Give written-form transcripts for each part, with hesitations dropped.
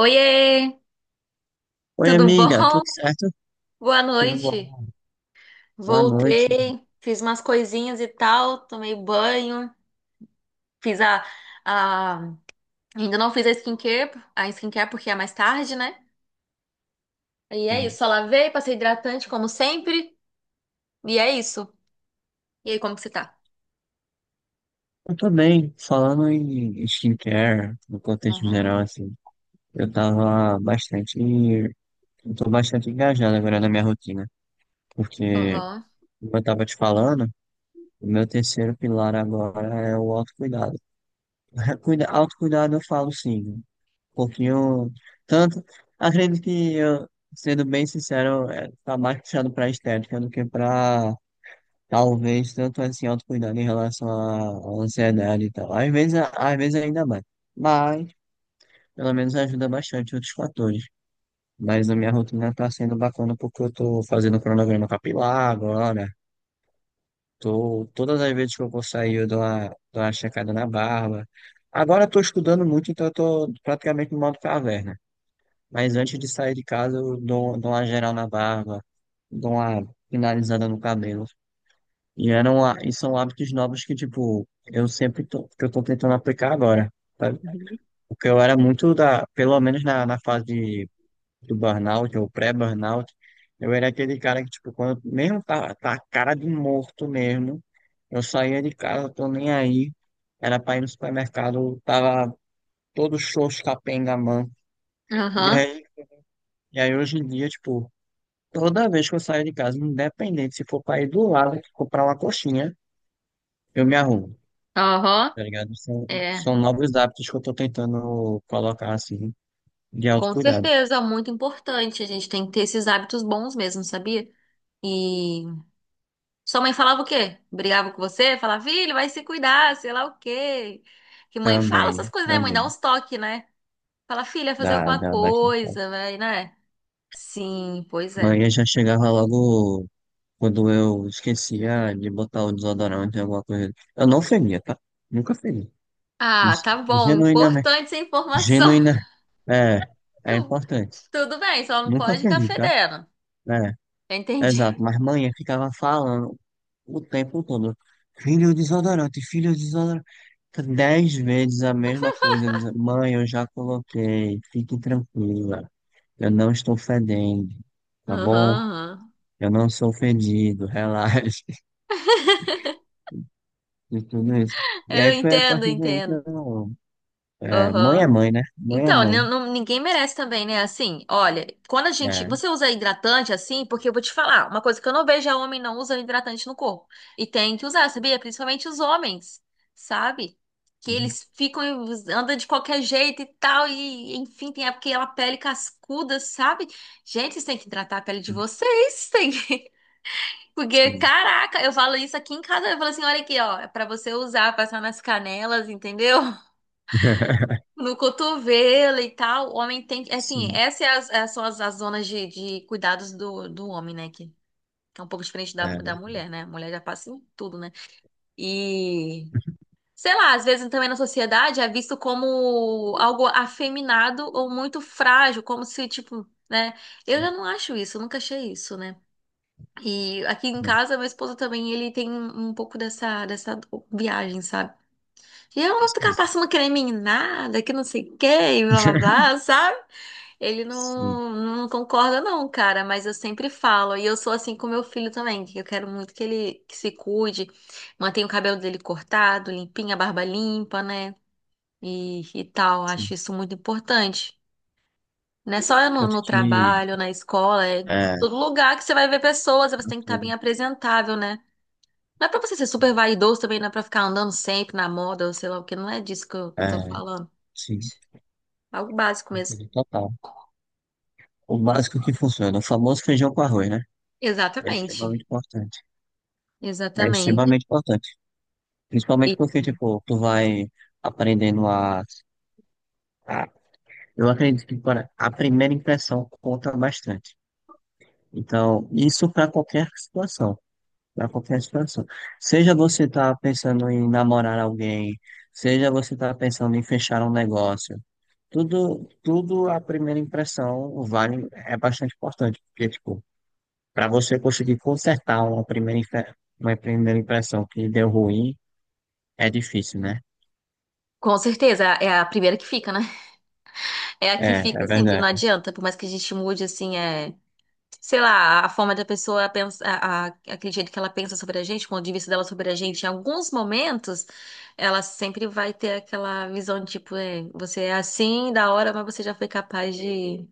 Oiê, Oi, tudo bom? amiga, tudo certo? Boa Tudo noite. bom? Boa noite. Voltei, fiz umas coisinhas e tal, tomei banho, fiz a- ainda não fiz a skincare porque é mais tarde, né? E é isso, só lavei, passei hidratante como sempre, e é isso. E aí, como que você tá? Eu tô bem, falando em skincare, no contexto Aham, geral, assim, eu tava bastante, eu tô bastante engajado agora na minha rotina, porque, aham, como eu tava te falando, o meu terceiro pilar agora é o autocuidado. Autocuidado eu falo sim, né? Um pouquinho, tanto, acredito que eu, sendo bem sincero, é, tá mais puxado pra estética do que pra... Talvez tanto assim autocuidado em relação à ansiedade e tal. Às vezes ainda mais. Mas, pelo menos ajuda bastante outros fatores. Mas a minha rotina tá sendo bacana porque eu tô fazendo cronograma capilar agora. Tô, todas as vezes que eu vou sair, eu dou uma checada na barba. Agora eu tô estudando muito, então eu tô praticamente no modo caverna. Mas antes de sair de casa, eu dou uma geral na barba, dou uma finalizada no cabelo. E são hábitos novos que, tipo, eu sempre tô, que eu tô tentando aplicar agora, sabe? Porque eu era muito da, pelo menos na fase do burnout ou pré-burnout, eu era aquele cara que, tipo, quando mesmo tá a cara de morto mesmo, eu saía de casa, tô nem aí, era pra ir no supermercado, tava todo xoxo, capenga, mano. E aham, aí, e aí hoje em dia, tipo, toda vez que eu saio de casa, independente se for pra ir do lado, comprar uma coxinha, eu me arrumo. aham. Tá ligado? São, É, são novos hábitos que eu tô tentando colocar, assim, de com autocuidado. certeza, muito importante. A gente tem que ter esses hábitos bons mesmo, sabia? E sua mãe falava o quê? Brigava com você? Falava, filho, vai se cuidar, sei lá o quê. Que mãe fala essas Também, coisas, né? Mãe dá também. uns toques, né? Fala, filha, fazer Dá, alguma dá bastante, coisa, certo. vai, né? Sim, pois é. Mas eu já chegava logo quando eu esquecia de botar o desodorante, alguma coisa. Eu não feria, tá? Nunca feri. Ah, Isso. tá bom. Genuinamente. Importante essa informação. Genuína. É, é importante. Tudo bem, só não Nunca pode ficar feri, tá? fedendo. É, Eu entendi. exato. Mas manhã ficava falando o tempo todo. Filho desodorante, filho desodorante. 10 vezes a mesma coisa. Dizer, mãe, eu já coloquei. Fique tranquila. Eu não estou fedendo. Tá Aham, bom? aham. Eu não sou fedido. Relaxe. E tudo isso. E Eu aí foi a entendo, partir daí que entendo. eu... é Aham. mãe, né? Então, Mãe. Ninguém merece também, né? Assim, olha, quando a gente. É. Você usa hidratante assim, porque eu vou te falar, uma coisa que eu não vejo é homem não usando hidratante no corpo. E tem que usar, sabia? Principalmente os homens, sabe? Que eles ficam, e andam de qualquer jeito e tal, e enfim, tem aquela pele cascuda, sabe? Gente, vocês têm que hidratar a pele de vocês, tem que... Porque, Sim. caraca, eu falo isso aqui em casa, eu falo assim, olha aqui, ó, é pra você usar, passar nas canelas, entendeu? No cotovelo e tal, o homem tem que. Assim, Sim. essas são as, zonas de cuidados do homem, né? Que é um pouco diferente É, da né? mulher, né? A mulher já passa em tudo, né? E. Sei lá, às vezes também na sociedade é visto como algo afeminado ou muito frágil, como se, tipo, né? Eu já não acho isso, eu nunca achei isso, né? E aqui em É, casa, meu esposo também, ele tem um pouco dessa viagem, sabe? E eu não vou ficar sim. passando creme em nada, que não sei o que, e blá blá blá, sabe? Ele Sim. Não concorda, não, cara, mas eu sempre falo, e eu sou assim com meu filho também, que eu quero muito que ele que se cuide, mantenha o cabelo dele cortado, limpinho, a barba limpa, né? E tal, Sim. acho isso muito importante. Não é só Tanto no que... trabalho, na escola, é É. todo lugar que você vai ver pessoas, você tem que estar Aquilo, bem apresentável, né? Não é pra você ser super vaidoso também, não é pra ficar andando sempre na moda, ou sei lá o que, não é disso que eu tô é. falando. Sim. Algo básico mesmo. Total. O básico que funciona, o famoso feijão com arroz, né? É Exatamente. extremamente importante. É Exatamente. extremamente importante. E Principalmente porque, tipo, tu vai aprendendo a- eu acredito que para a primeira impressão conta bastante. Então, isso para qualquer situação. Para qualquer situação. Seja você tá pensando em namorar alguém, seja você tá pensando em fechar um negócio. Tudo, tudo a primeira impressão vale, é bastante importante. Porque, tipo, para você conseguir consertar uma primeira, uma primeira impressão que deu ruim, é difícil, né? com certeza, é a primeira que fica, né? É a que É, fica é sempre, não verdade. adianta, por mais que a gente mude, assim, é, sei lá, a forma da pessoa pensa, aquele jeito que ela pensa sobre a gente, o ponto de vista dela sobre a gente, em alguns momentos, ela sempre vai ter aquela visão de, tipo, é, você é assim, da hora, mas você já foi capaz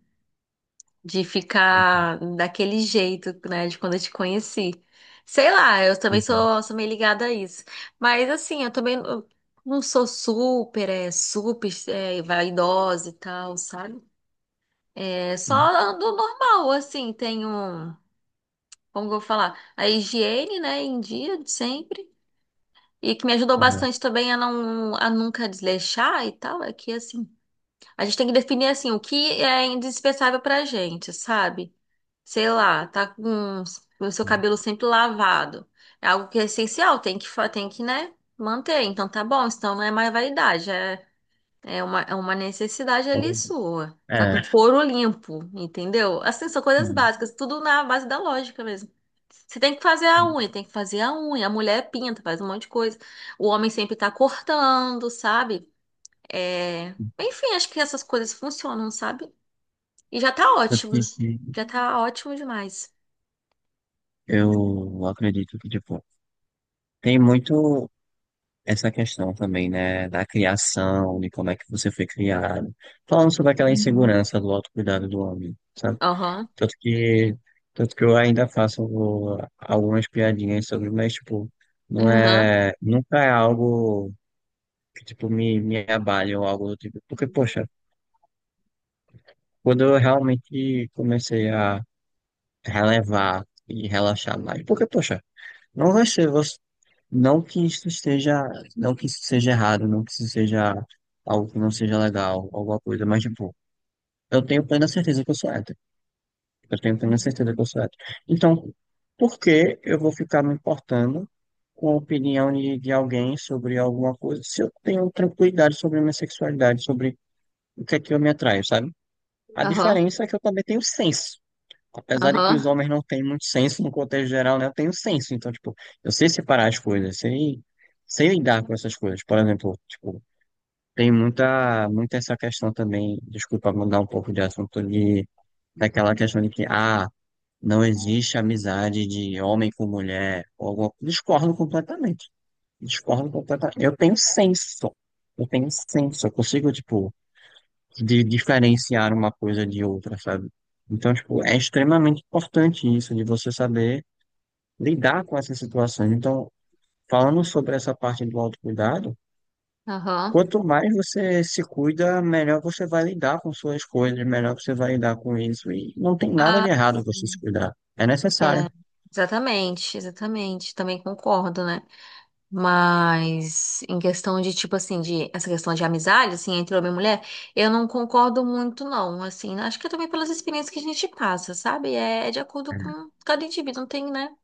de ficar daquele jeito, né, de quando eu te conheci. Sei lá, eu também Exato, sou meio ligada a isso. Mas assim, eu também não sou super, é, vaidosa e tal, sabe? É, só ando normal, assim, tenho, como que eu vou falar, a higiene, né, em dia, de sempre. E que me ajudou bastante exato. também a nunca desleixar e tal, é que assim, a gente tem que definir assim o que é indispensável pra gente, sabe? Sei lá, tá com o seu cabelo sempre lavado. É algo que é essencial, tem que, tem que, né, manter. Então tá bom, então não é mais vaidade, é, é uma necessidade ali Então, sua. Tá com é, é. Couro limpo, entendeu? Assim, são coisas sim. básicas, tudo na base da lógica mesmo. Você tem que fazer a Sim, unha, tem que fazer a unha. A mulher pinta, faz um monte de coisa. O homem sempre tá cortando, sabe? É... sim. Enfim, acho que essas coisas funcionam, sabe? E já tá tanto ótimo. que que Já tá ótimo demais. eu acredito que, tipo, tem muito essa questão também, né, da criação, de como é que você foi criado. Falando sobre aquela insegurança do autocuidado do homem, sabe? Aham, Tanto que, tanto que eu ainda faço algumas piadinhas sobre, mas, tipo, não aham, é, nunca é algo que, tipo, me abale ou algo do tipo. Porque, poxa, quando eu realmente comecei a relevar e relaxar mais, porque, poxa, não vai ser você, não que isso esteja, não que isso seja errado, não que isso seja algo que não seja legal, alguma coisa, mas, tipo, eu tenho plena certeza que eu sou hétero. Eu tenho plena certeza que eu sou hétero. Então, por que eu vou ficar me importando com a opinião de alguém sobre alguma coisa se eu tenho tranquilidade sobre a minha sexualidade, sobre o que é que eu me atraio, sabe? A aham, diferença é que eu também tenho senso. Apesar de que aham, os homens não têm muito senso no contexto geral, né? Eu tenho senso. Então, tipo, eu sei separar as coisas, sei lidar com essas coisas. Por exemplo, tipo, tem muita essa questão também, desculpa mudar um pouco de assunto, de, daquela questão de que, ah, não existe amizade de homem com mulher. Ou alguma... Discordo completamente. Discordo completamente. Eu tenho senso. Eu tenho senso. Eu consigo, tipo, de diferenciar uma coisa de outra, sabe? Então, tipo, é extremamente importante isso, de você saber lidar com essas situações. Então, falando sobre essa parte do autocuidado, aham. quanto mais você se cuida, melhor você vai lidar com suas coisas, melhor você vai lidar com isso. E não tem nada Ah, de errado você se sim. cuidar. É É, necessário. exatamente, exatamente. Também concordo, né? Mas em questão de, tipo assim, de essa questão de amizade, assim, entre homem e mulher, eu não concordo muito, não. Assim, acho que é também pelas experiências que a gente passa, sabe? É de acordo com cada indivíduo, não tem, né?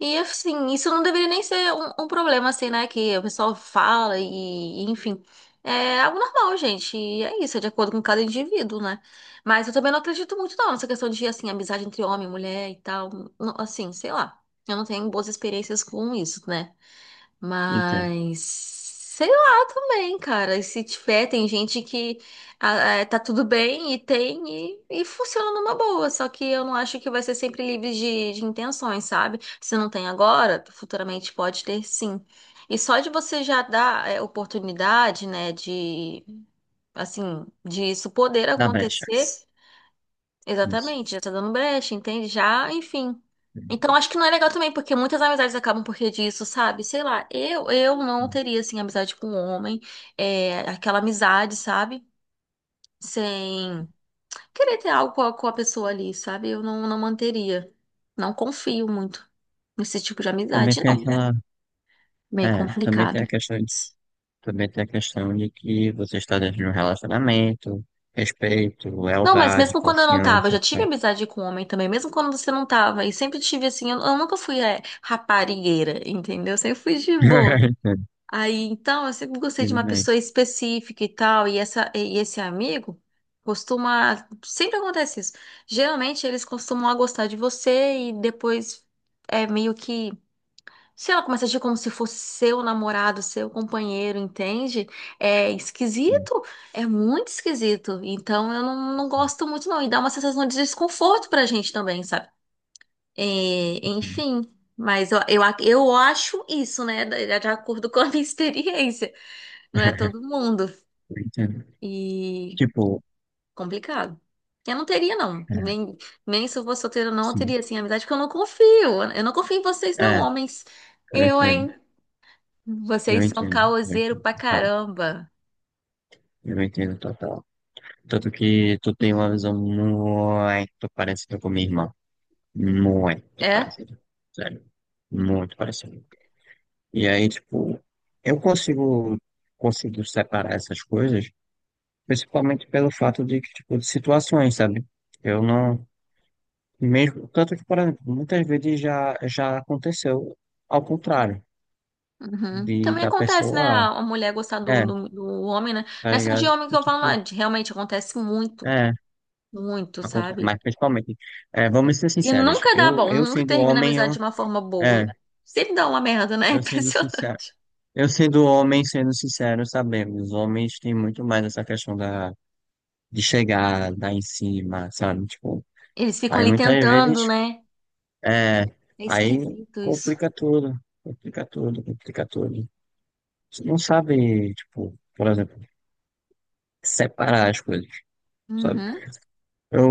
E assim, isso não deveria nem ser um problema, assim, né? Que o pessoal fala e, enfim. É algo normal, gente. E é isso, é de acordo com cada indivíduo, né? Mas eu também não acredito muito, não, nessa questão de, assim, amizade entre homem e mulher e tal. Não, assim, sei lá. Eu não tenho boas experiências com isso, né? Entendo. Mas sei lá também, cara. E se tiver, tem gente que ah, tá tudo bem e tem e funciona numa boa. Só que eu não acho que vai ser sempre livre de intenções, sabe? Se não tem agora, futuramente pode ter sim. E só de você já dar é, oportunidade, né, de assim, disso poder Na brecha. acontecer. Isso. Exatamente, já tá dando brecha, entende? Já, enfim. Então acho que não é legal também, porque muitas amizades acabam porque disso, sabe? Sei lá, eu não teria, assim, amizade com um homem, é, aquela amizade, sabe? Sem querer ter algo com a pessoa ali, sabe? Eu não manteria. Não confio muito nesse tipo de Também amizade tem não. aquela... Meio É, também tem complicado. a questão de, também tem a questão de que você está dentro de um relacionamento, respeito, Não, mas lealdade, mesmo quando eu não tava, eu confiança, já tive sabe? amizade com homem também, mesmo quando você não tava. E sempre tive assim, eu nunca fui é, raparigueira, entendeu? Eu sempre fui de boa. Aí, então, eu sempre gostei de Entendo, uma entendo bem. pessoa específica e tal, e esse amigo costuma, sempre acontece isso. Geralmente eles costumam a gostar de você e depois é meio que se ela começa a agir como se fosse seu namorado, seu companheiro, entende? É Sim, esquisito, é muito esquisito. Então eu não sim, gosto muito, não. E dá uma sensação de desconforto pra gente também, sabe? É, sim. enfim, mas eu acho isso, né? De acordo com a minha experiência. Não é todo mundo. Eu entendo. E Tipo, complicado. Eu não teria, não. é, Nem, nem se eu fosse solteira, não, eu sim. teria, assim, amizade, porque eu não confio. Eu não confio em vocês, não, É, homens. eu Eu, entendo. hein? Eu Vocês são entendo. Eu caoseiro entendo pra total. caramba. Eu entendo total. Tanto que tu tem uma visão muito parecida com a minha irmã. Muito É? parecida. Sério. Muito parecida. E aí, tipo, eu consigo, consigo separar essas coisas, principalmente pelo fato de que, tipo, de situações, sabe? Eu não, mesmo, tanto que, por exemplo, muitas vezes já, já aconteceu ao contrário, Uhum. de, Também da acontece, né? pessoa, ah, A mulher gostar é, do homem, né? tá Não é só de ligado? homem que E, eu falo, não. tipo, Realmente acontece muito, é, muito, acontece sabe? mas principalmente, é, vamos ser E sinceros, nunca dá eu, bom, eu nunca sendo termina a homem, amizade eu, de uma forma boa. é, Sempre dá uma merda, né? É eu sendo sincero, impressionante. eu sendo homem, sendo sincero, sabemos, os homens têm muito mais essa questão da de chegar, dar em cima, sabe? Tipo, Eles ficam aí ali muitas tentando, vezes, né? é, É aí esquisito isso. complica tudo, complica tudo, complica tudo. Você não sabe, tipo, por exemplo, separar as coisas, sabe? Uhum.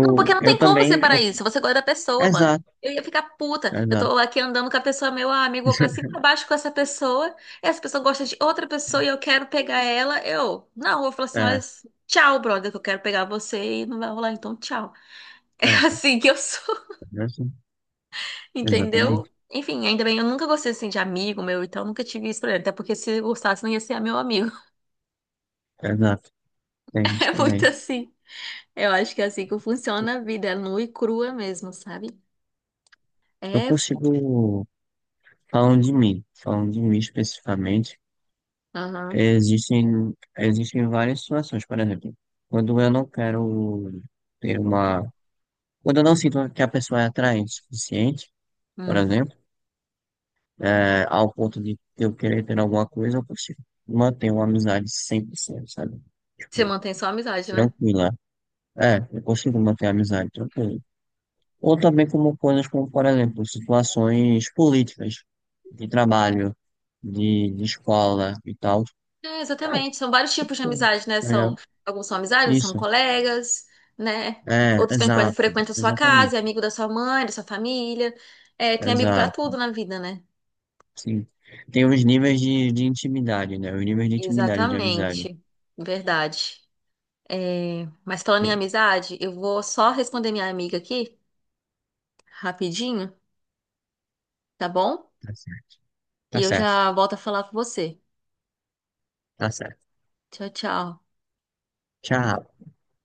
Não, porque não Eu tem como também, separar eu, isso. Você gosta da pessoa, mano. exato, Eu ia ficar puta. Eu exato. tô aqui andando com a pessoa, meu amigo, vou pra cima e pra baixo com essa pessoa. Essa pessoa gosta de outra pessoa e eu quero pegar ela. Eu, não, eu vou falar assim: olha, É, tchau, brother, que eu quero pegar você e não vai rolar, então tchau. É é, assim que eu sou, é assim. entendeu? Exatamente, Enfim, ainda bem, eu nunca gostei assim de amigo meu, então nunca tive isso pra ele. Até porque se eu gostasse, não ia ser meu amigo. exato, tem isso É muito também. assim. Eu acho que é assim que funciona a vida, é nua e crua mesmo, sabe? Eu É. f- consigo, falando de mim especificamente, Aham. existem, existem várias situações, por exemplo, quando eu não quero ter uma... Quando eu não sinto que a pessoa é atraente o suficiente, por Hum. exemplo, é, ao ponto de eu querer ter alguma coisa, eu consigo manter uma amizade 100%, sabe? Você Tipo, mantém só a amizade, né? tranquila. É, eu consigo manter a amizade tranquila. Ou também como coisas como, por exemplo, situações políticas, de trabalho, de escola e tal. É, exatamente. São vários tipos de amizade, né? Tá São, ligado? alguns são amizades, são Isso. colegas, né? É, Outros exato, frequentam a sua casa, é exatamente, amigo da sua mãe, da sua família. É, tem amigo pra exato, tudo na vida, né? sim. Tem os níveis de intimidade, né? Os níveis de intimidade de amizade. Exatamente. Verdade. É, mas falando em É, amizade, eu vou só responder minha amiga aqui, rapidinho, tá bom? tá certo, E tá eu certo, já volto a falar com você. tá certo. Tchau, tchau. Tchau.